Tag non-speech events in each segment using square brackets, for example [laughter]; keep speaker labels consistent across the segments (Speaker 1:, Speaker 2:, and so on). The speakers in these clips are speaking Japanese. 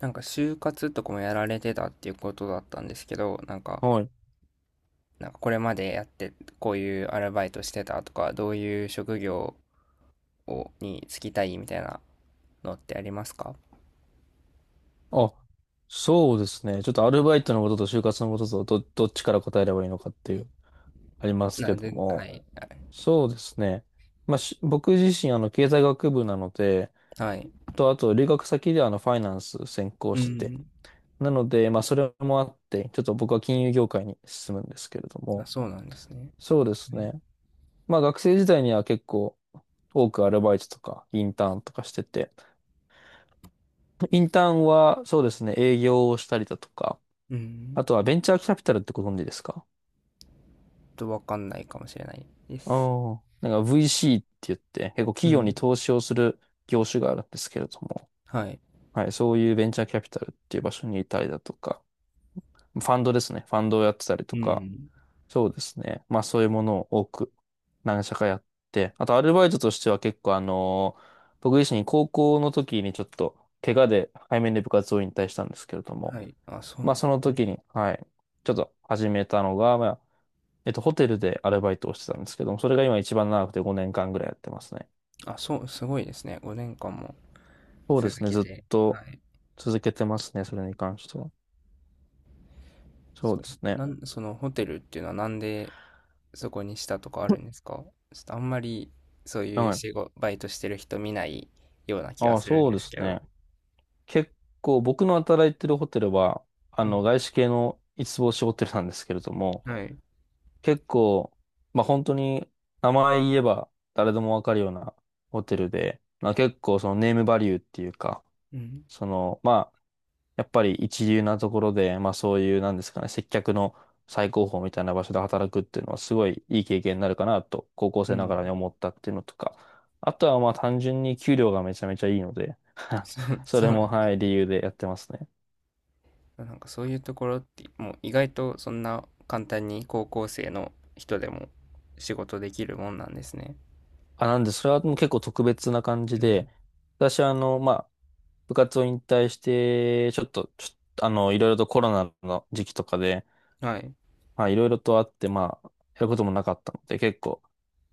Speaker 1: なんか就活とかもやられてたっていうことだったんですけど、なんか、
Speaker 2: はい。
Speaker 1: なんかこれまでやってこういうアルバイトしてたとか、どういう職業をに就きたいみたいなのってありますか？
Speaker 2: あ、そうですね。ちょっとアルバイトのことと就活のこととどっちから答えればいいのかっていう、あります
Speaker 1: な
Speaker 2: け
Speaker 1: ん
Speaker 2: ど
Speaker 1: で、はい。
Speaker 2: も。そうですね。まあ、僕自身、経済学部なので、
Speaker 1: はい。
Speaker 2: あと、留学先でファイナンス専攻
Speaker 1: う
Speaker 2: してて。
Speaker 1: ん。
Speaker 2: なので、まあ、それもあって、ちょっと僕は金融業界に進むんですけれど
Speaker 1: あ、
Speaker 2: も。
Speaker 1: そうなんですね。
Speaker 2: そうです
Speaker 1: はい。
Speaker 2: ね。まあ、学生時代には結構、多くアルバイトとか、インターンとかしてて。インターンは、そうですね、営業をしたりだとか、
Speaker 1: うん。
Speaker 2: あとはベンチャーキャピタルってご存知ですか？
Speaker 1: ちょっとわかんないかもしれないで
Speaker 2: ああ
Speaker 1: す。
Speaker 2: ー。なんか VC って言って、結構
Speaker 1: う
Speaker 2: 企業
Speaker 1: ん。
Speaker 2: に投資をする業種があるんですけれども、
Speaker 1: はい。
Speaker 2: はい、そういうベンチャーキャピタルっていう場所にいたりだとか、ファンドですね。ファンドをやってたり
Speaker 1: う
Speaker 2: とか、
Speaker 1: ん。
Speaker 2: そうですね。まあそういうものを多く何社かやって、あとアルバイトとしては結構僕自身高校の時にちょっと怪我で背面で部活を引退したんですけれども、
Speaker 1: はい。あ、そう
Speaker 2: ま
Speaker 1: な、
Speaker 2: あその
Speaker 1: うん。
Speaker 2: 時に、はい、ちょっと始めたのが、まあホテルでアルバイトをしてたんですけども、それが今一番長くて5年間ぐらいやってますね。
Speaker 1: あ、そう、すごいですね。5年間も
Speaker 2: そうで
Speaker 1: 続
Speaker 2: すね、
Speaker 1: け
Speaker 2: ずっ
Speaker 1: て。は
Speaker 2: と
Speaker 1: い。
Speaker 2: 続けてますね、それに関しては。そう
Speaker 1: そ、
Speaker 2: ですね。
Speaker 1: なん、そのホテルっていうのはなんでそこにしたとかあるんですか？ちょっとあんまりそういう
Speaker 2: はい。
Speaker 1: 仕事、バイトしてる人見ないような気が
Speaker 2: ああ、
Speaker 1: するん
Speaker 2: そう
Speaker 1: で
Speaker 2: で
Speaker 1: す
Speaker 2: す
Speaker 1: けど。
Speaker 2: ね。結構僕の働いてるホテルは、
Speaker 1: うん。
Speaker 2: 外資系の五つ星ホテルなんですけれども、
Speaker 1: はい。
Speaker 2: 結構、まあ本当に名前言えば誰でもわかるようなホテルで、まあ結構そのネームバリューっていうか、
Speaker 1: うん。
Speaker 2: その、やっぱり一流なところで、まあそういう、なんですかね、接客の最高峰みたいな場所で働くっていうのはすごいいい経験になるかなと、高校
Speaker 1: う
Speaker 2: 生な
Speaker 1: ん。
Speaker 2: がらに思ったっていうのとか、あとはまあ単純に給料がめちゃめちゃいいので、
Speaker 1: そう、[laughs]
Speaker 2: そ
Speaker 1: そう
Speaker 2: れ
Speaker 1: な
Speaker 2: も、
Speaker 1: んです。
Speaker 2: はい、理由でやってますね。
Speaker 1: なんかそういうところって、もう意外とそんな簡単に高校生の人でも仕事できるもんなんですね。
Speaker 2: あ、なんで、それはもう結構特別な感じ
Speaker 1: うん。
Speaker 2: で、私はまあ、部活を引退して、ちょっと、いろいろとコロナの時期とかで、
Speaker 1: はい。
Speaker 2: まあ、いろいろとあって、まあ、やることもなかったので、結構、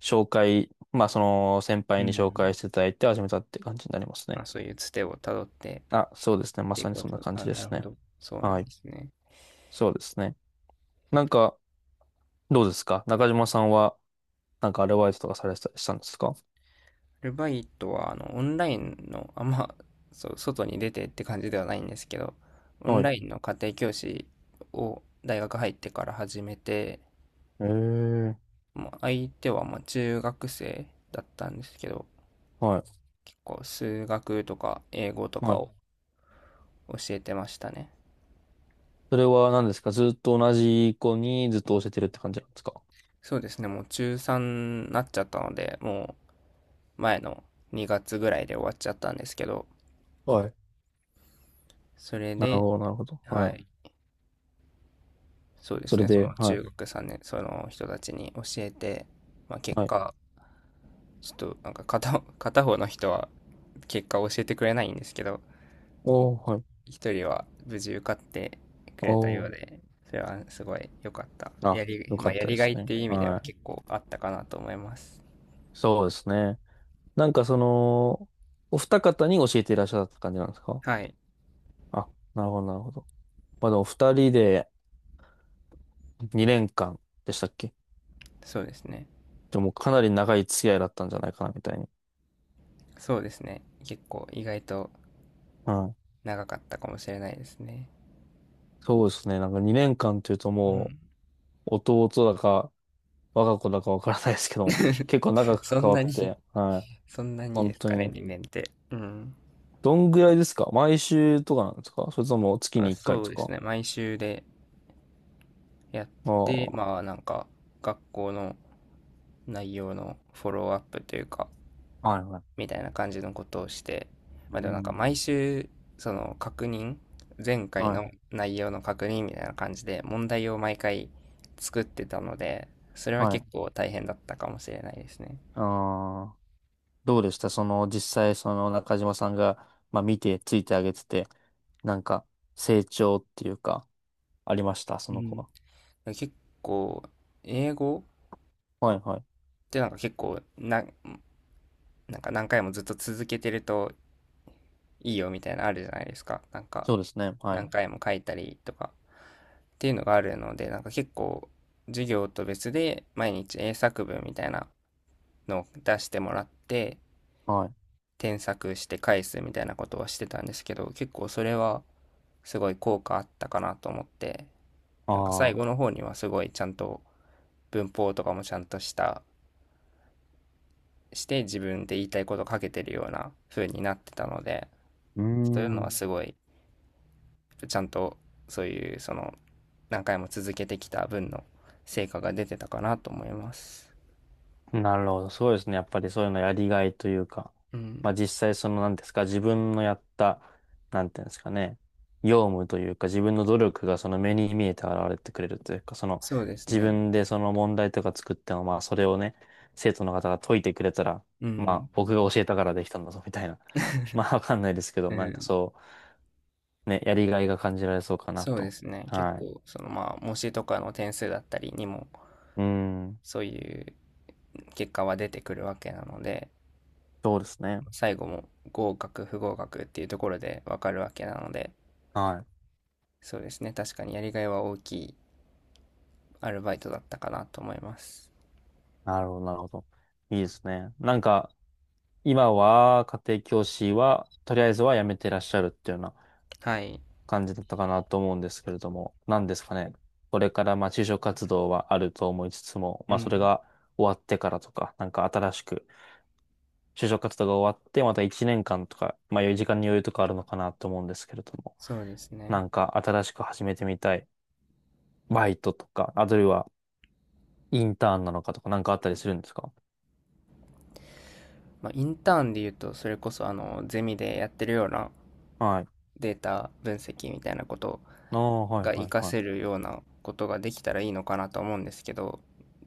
Speaker 2: まあ、その先
Speaker 1: う
Speaker 2: 輩に紹
Speaker 1: ん。
Speaker 2: 介していただいて始めたって感じになります
Speaker 1: ま
Speaker 2: ね。
Speaker 1: あそういうつてをたどって
Speaker 2: あ、そうですね。
Speaker 1: っ
Speaker 2: ま
Speaker 1: てい
Speaker 2: さ
Speaker 1: う
Speaker 2: に
Speaker 1: こ
Speaker 2: そんな
Speaker 1: と。
Speaker 2: 感じ
Speaker 1: あ、
Speaker 2: で
Speaker 1: なる
Speaker 2: す
Speaker 1: ほ
Speaker 2: ね。
Speaker 1: ど。そうな
Speaker 2: は
Speaker 1: ん
Speaker 2: い。
Speaker 1: ですね。
Speaker 2: そうですね。なんか、どうですか？中島さんは、なんかアルバイトとかされてたりしたんですか？
Speaker 1: ルバイトは、オンラインの、あんま、そう、外に出てって感じではないんですけど、オン
Speaker 2: はい。
Speaker 1: ラインの家庭教師を大学入ってから始めて、
Speaker 2: えー、
Speaker 1: もう相手はまあ中学生だったんですけど、
Speaker 2: はい。
Speaker 1: 結構数学とか英語と
Speaker 2: は
Speaker 1: か
Speaker 2: い。
Speaker 1: を教えてましたね。
Speaker 2: それは何ですか？ずっと同じ子にずっと教えてるって感じなんですか？
Speaker 1: そうですね、もう中3になっちゃったので、もう前の2月ぐらいで終わっちゃったんですけど、
Speaker 2: はい。
Speaker 1: それ
Speaker 2: なる
Speaker 1: で、
Speaker 2: ほど、なるほど。は
Speaker 1: は
Speaker 2: い。
Speaker 1: い、そうで
Speaker 2: そ
Speaker 1: す
Speaker 2: れ
Speaker 1: ね、そ
Speaker 2: で、
Speaker 1: の
Speaker 2: は
Speaker 1: 中
Speaker 2: い。
Speaker 1: 学さんねんその人たちに教えて、まあ、結
Speaker 2: はい。
Speaker 1: 果、ちょっとなんか片、[laughs] 片方の人は結果を教えてくれないんですけど、
Speaker 2: おー、はい。
Speaker 1: 一人は無事受かってくれた
Speaker 2: お
Speaker 1: よう
Speaker 2: ー。
Speaker 1: で、それはすごい良かった。
Speaker 2: あ、よ
Speaker 1: ま
Speaker 2: か
Speaker 1: あ、
Speaker 2: っ
Speaker 1: や
Speaker 2: た
Speaker 1: り
Speaker 2: で
Speaker 1: が
Speaker 2: す
Speaker 1: いっ
Speaker 2: ね。
Speaker 1: ていう意味では
Speaker 2: はい。
Speaker 1: 結構あったかなと思います。
Speaker 2: そうですね。なんかその、お二方に教えていらっしゃった感じなんですか？
Speaker 1: はい、
Speaker 2: あ、なるほど、なるほど。まあでも二人で2年間でしたっけ？
Speaker 1: そうですね。
Speaker 2: でもかなり長い付き合いだったんじゃないかな、みたいに。
Speaker 1: そうですね。結構意外と
Speaker 2: うん。
Speaker 1: 長かったかもしれないですね。
Speaker 2: そうですね。なんか2年間っていうと
Speaker 1: う
Speaker 2: も
Speaker 1: ん。
Speaker 2: う、弟だか、我が子だかわからないですけど、[laughs]
Speaker 1: [laughs]
Speaker 2: 結構長く
Speaker 1: そ
Speaker 2: 関
Speaker 1: ん
Speaker 2: わ
Speaker 1: な
Speaker 2: っ
Speaker 1: に、
Speaker 2: て、はい。
Speaker 1: そんなに
Speaker 2: 本
Speaker 1: です
Speaker 2: 当
Speaker 1: かね、
Speaker 2: に。
Speaker 1: 2年って。うん。
Speaker 2: どんぐらいですか？毎週とかなんですか？それとも月
Speaker 1: まあ、
Speaker 2: に1回
Speaker 1: そう
Speaker 2: と
Speaker 1: です
Speaker 2: か？
Speaker 1: ね。毎週でやって、
Speaker 2: ああ
Speaker 1: まあなんか学校の内容のフォローアップというか、
Speaker 2: はいはい。
Speaker 1: みたいな感じのことをして、
Speaker 2: う
Speaker 1: まあでもなんか
Speaker 2: ん。
Speaker 1: 毎週、その確認、前回
Speaker 2: は
Speaker 1: の
Speaker 2: い、
Speaker 1: 内容の確認みたいな感じで問題を毎回作ってたので、それは
Speaker 2: はい。
Speaker 1: 結構大変だったかもしれないですね。
Speaker 2: ああ。どうでしたその、実際、その中島さんが、まあ見て、ついてあげてて、なんか、成長っていうか、ありました、そ
Speaker 1: う
Speaker 2: の子
Speaker 1: ん。
Speaker 2: は。
Speaker 1: 結構、英語っ
Speaker 2: はいはい。
Speaker 1: てなんか結構な、なんか何回もずっと続けてるといいよみたいなのあるじゃないですか。なんか、
Speaker 2: そうですね。は
Speaker 1: 何
Speaker 2: い。
Speaker 1: 回も書いたりとか、っていうのがあるので、なんか結構、授業と別で毎日英作文みたいなのを出してもらって、
Speaker 2: はい。
Speaker 1: 添削して返すみたいなことはしてたんですけど、結構それはすごい効果あったかなと思って、なんか最
Speaker 2: あ
Speaker 1: 後
Speaker 2: あ。
Speaker 1: の方にはすごいちゃんと文法とかもちゃんとした、して自分で言いたいことを書けてるような風になってたので、
Speaker 2: うー
Speaker 1: そういうのは
Speaker 2: ん。
Speaker 1: すごいちゃんとそういうその何回も続けてきた分の成果が出てたかなと思います。
Speaker 2: なるほど。そうですね。やっぱりそういうのやりがいというか、
Speaker 1: う
Speaker 2: まあ
Speaker 1: ん、
Speaker 2: 実際その何ですか、自分のやった、なんていうんですかね、業務というか自分の努力がその目に見えて現れてくれるというか、その
Speaker 1: そうです
Speaker 2: 自
Speaker 1: ね。
Speaker 2: 分でその問題とか作っても、まあそれをね、生徒の方が解いてくれたら、
Speaker 1: う
Speaker 2: ま
Speaker 1: ん、
Speaker 2: あ僕が教えたからできたんだぞみたいな。[laughs] まあわかんないですけど、
Speaker 1: う
Speaker 2: なんか
Speaker 1: ん、
Speaker 2: そう、ね、やりがいが感じられそうかな
Speaker 1: そうで
Speaker 2: と。
Speaker 1: すね。結
Speaker 2: はい。
Speaker 1: 構そのまあ模試とかの点数だったりにも
Speaker 2: うーん。
Speaker 1: そういう結果は出てくるわけなので、
Speaker 2: そうですね。
Speaker 1: 最後も合格不合格っていうところでわかるわけなので、
Speaker 2: はい。
Speaker 1: そうですね。確かにやりがいは大きいアルバイトだったかなと思います。
Speaker 2: なるほど、なるほど。いいですね。なんか、今は家庭教師は、とりあえずは辞めてらっしゃるっていうような
Speaker 1: はい。
Speaker 2: 感じだったかなと思うんですけれども、何ですかね。これからまあ就職活動はあると思いつつも、
Speaker 1: う
Speaker 2: まあそれ
Speaker 1: ん。
Speaker 2: が終わってからとか、なんか新しく就職活動が終わって、また1年間とか、まあ余裕時間に余裕とかあるのかなと思うんですけれども、
Speaker 1: そうです
Speaker 2: な
Speaker 1: ね。
Speaker 2: んか新しく始めてみたいバイトとか、あるいはインターンなのかとか、なんかあったりするんですか？
Speaker 1: まあ、インターンで言うと、それこそあのゼミでやってるような
Speaker 2: はい。
Speaker 1: データ分析みたいなこと
Speaker 2: ああ、はい、
Speaker 1: が
Speaker 2: は
Speaker 1: 活
Speaker 2: い、
Speaker 1: か
Speaker 2: は
Speaker 1: せ
Speaker 2: い。
Speaker 1: るようなことができたらいいのかなと思うんですけど、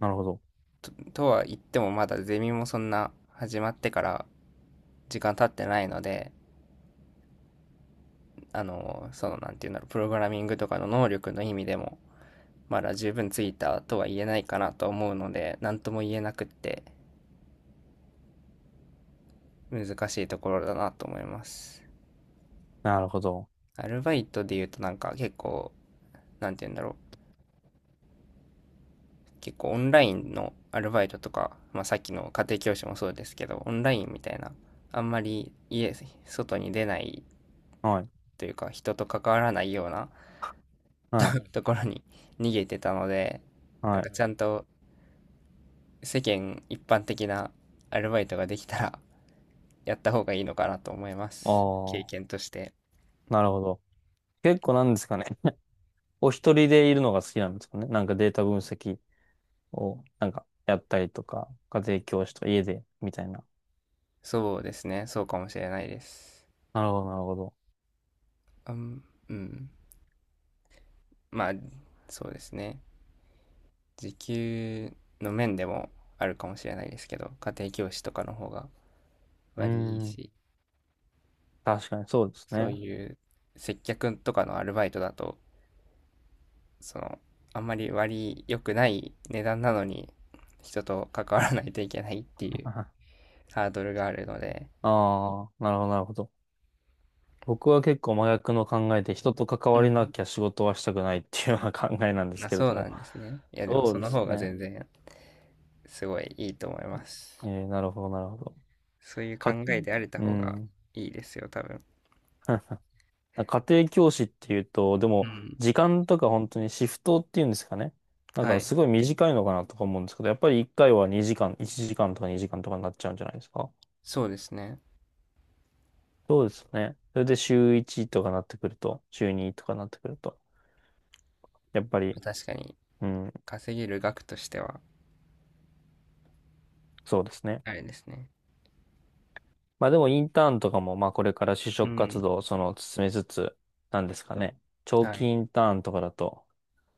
Speaker 2: なるほど。
Speaker 1: とは言ってもまだゼミもそんな始まってから時間経ってないので、なんていうんだろう、プログラミングとかの能力の意味でも、まだ十分ついたとは言えないかなと思うので、何とも言えなくって難しいところだなと思います。
Speaker 2: なるほど。
Speaker 1: アルバイトで言うとなんか結構、なんて言うんだろう、結構オンラインのアルバイトとか、まあ、さっきの家庭教師もそうですけどオンラインみたいなあんまり家外に出ない
Speaker 2: はい、
Speaker 1: というか人と関わらないような
Speaker 2: はい、
Speaker 1: ところに逃げてたので、な
Speaker 2: は
Speaker 1: んか
Speaker 2: い。
Speaker 1: ちゃんと世間一般的なアルバイトができたらやった方がいいのかなと思いま
Speaker 2: あ
Speaker 1: す、経
Speaker 2: あ。
Speaker 1: 験として。
Speaker 2: なるほど。結構なんですかね。お一人でいるのが好きなんですかね。なんかデータ分析を、なんかやったりとか、家庭教師とか家で、みたいな。
Speaker 1: そうですね、そうかもしれないです。
Speaker 2: なるほど、なるほど。
Speaker 1: うん、うん、まあそうですね、時給の面でもあるかもしれないですけど、家庭教師とかの方が
Speaker 2: うー
Speaker 1: 割りいい
Speaker 2: ん。
Speaker 1: し、
Speaker 2: 確かにそうです
Speaker 1: そう
Speaker 2: ね。
Speaker 1: いう接客とかのアルバイトだと、その、あんまり割り良くない値段なのに、人と関わらないといけないっていう
Speaker 2: [laughs] あ
Speaker 1: ハードルがあるので。
Speaker 2: あ、なるほど、なるほど。僕は結構真逆の考えで、人と関
Speaker 1: う
Speaker 2: わりな
Speaker 1: ん。
Speaker 2: きゃ仕事はしたくないっていうような考えなんです
Speaker 1: あ、
Speaker 2: けれ
Speaker 1: そう
Speaker 2: ど
Speaker 1: な
Speaker 2: も。
Speaker 1: んですね。いや、でも
Speaker 2: そ
Speaker 1: そ
Speaker 2: うで
Speaker 1: の
Speaker 2: す
Speaker 1: 方が
Speaker 2: ね。
Speaker 1: 全然すごいいいと思いま
Speaker 2: え
Speaker 1: す。
Speaker 2: ー、なるほど、なるほど。
Speaker 1: そういう考
Speaker 2: か、
Speaker 1: えであれた
Speaker 2: う
Speaker 1: 方が
Speaker 2: ん。
Speaker 1: いいですよ、多分。
Speaker 2: [laughs] なんか家庭教師っていうと、で
Speaker 1: う
Speaker 2: も、
Speaker 1: ん。
Speaker 2: 時間とか本当にシフトっていうんですかね。だ
Speaker 1: は
Speaker 2: から
Speaker 1: い。
Speaker 2: すごい短いのかなとか思うんですけど、やっぱり1回は2時間、1時間とか2時間とかになっちゃうんじゃないですか。
Speaker 1: そうですね。
Speaker 2: そうですね。それで週1とかなってくると、週2とかなってくると、やっぱり、
Speaker 1: 確かに、
Speaker 2: うん、
Speaker 1: 稼げる額としては、
Speaker 2: そうですね。
Speaker 1: あれですね。
Speaker 2: まあでもインターンとかも、まあこれから就
Speaker 1: う
Speaker 2: 職活
Speaker 1: ん。
Speaker 2: 動をその進めつつ、なんですかね。長
Speaker 1: は
Speaker 2: 期
Speaker 1: い。
Speaker 2: インターンとかだと、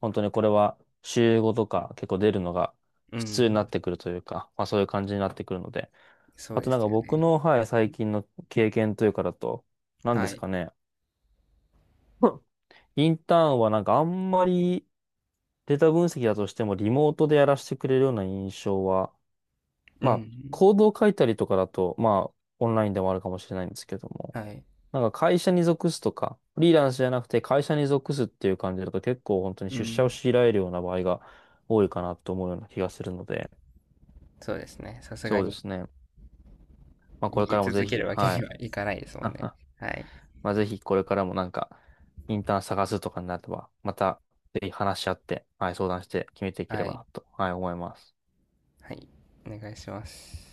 Speaker 2: 本当にこれは週5とか結構出るのが
Speaker 1: う
Speaker 2: 普通に
Speaker 1: ん。
Speaker 2: なってくるというか、まあそういう感じになってくるので。
Speaker 1: そ
Speaker 2: あ
Speaker 1: う
Speaker 2: と
Speaker 1: で
Speaker 2: なん
Speaker 1: す
Speaker 2: か
Speaker 1: よ
Speaker 2: 僕
Speaker 1: ね。
Speaker 2: の、はい、最近の経験というかだと、何で
Speaker 1: は
Speaker 2: す
Speaker 1: い。
Speaker 2: かね。[laughs] うんインターンはなんかあんまりデータ分析だとしてもリモートでやらせてくれるような印象は、
Speaker 1: う
Speaker 2: まあ
Speaker 1: ん。
Speaker 2: コードを書いたりとかだと、まあオンラインでもあるかもしれないんですけども、
Speaker 1: はい。
Speaker 2: なんか会社に属すとか、フリーランスじゃなくて会社に属すっていう感じだと結構本当に
Speaker 1: う
Speaker 2: 出社を
Speaker 1: ん。
Speaker 2: 強いられるような場合が多いかなと思うような気がするので、
Speaker 1: そうですね。さすが
Speaker 2: そうで
Speaker 1: に
Speaker 2: すね。まあこ
Speaker 1: 逃
Speaker 2: れ
Speaker 1: げ
Speaker 2: からも
Speaker 1: 続
Speaker 2: ぜ
Speaker 1: け
Speaker 2: ひ、
Speaker 1: るわけ
Speaker 2: は
Speaker 1: に
Speaker 2: い。
Speaker 1: はいかないですもんね。
Speaker 2: [laughs]
Speaker 1: はい。
Speaker 2: まあぜひこれからもなんか、インターン探すとかになれば、またぜひ話し合って、はい、相談して決めていけれ
Speaker 1: は
Speaker 2: ば
Speaker 1: い。
Speaker 2: なと、はい、思います。
Speaker 1: はい。お願いします。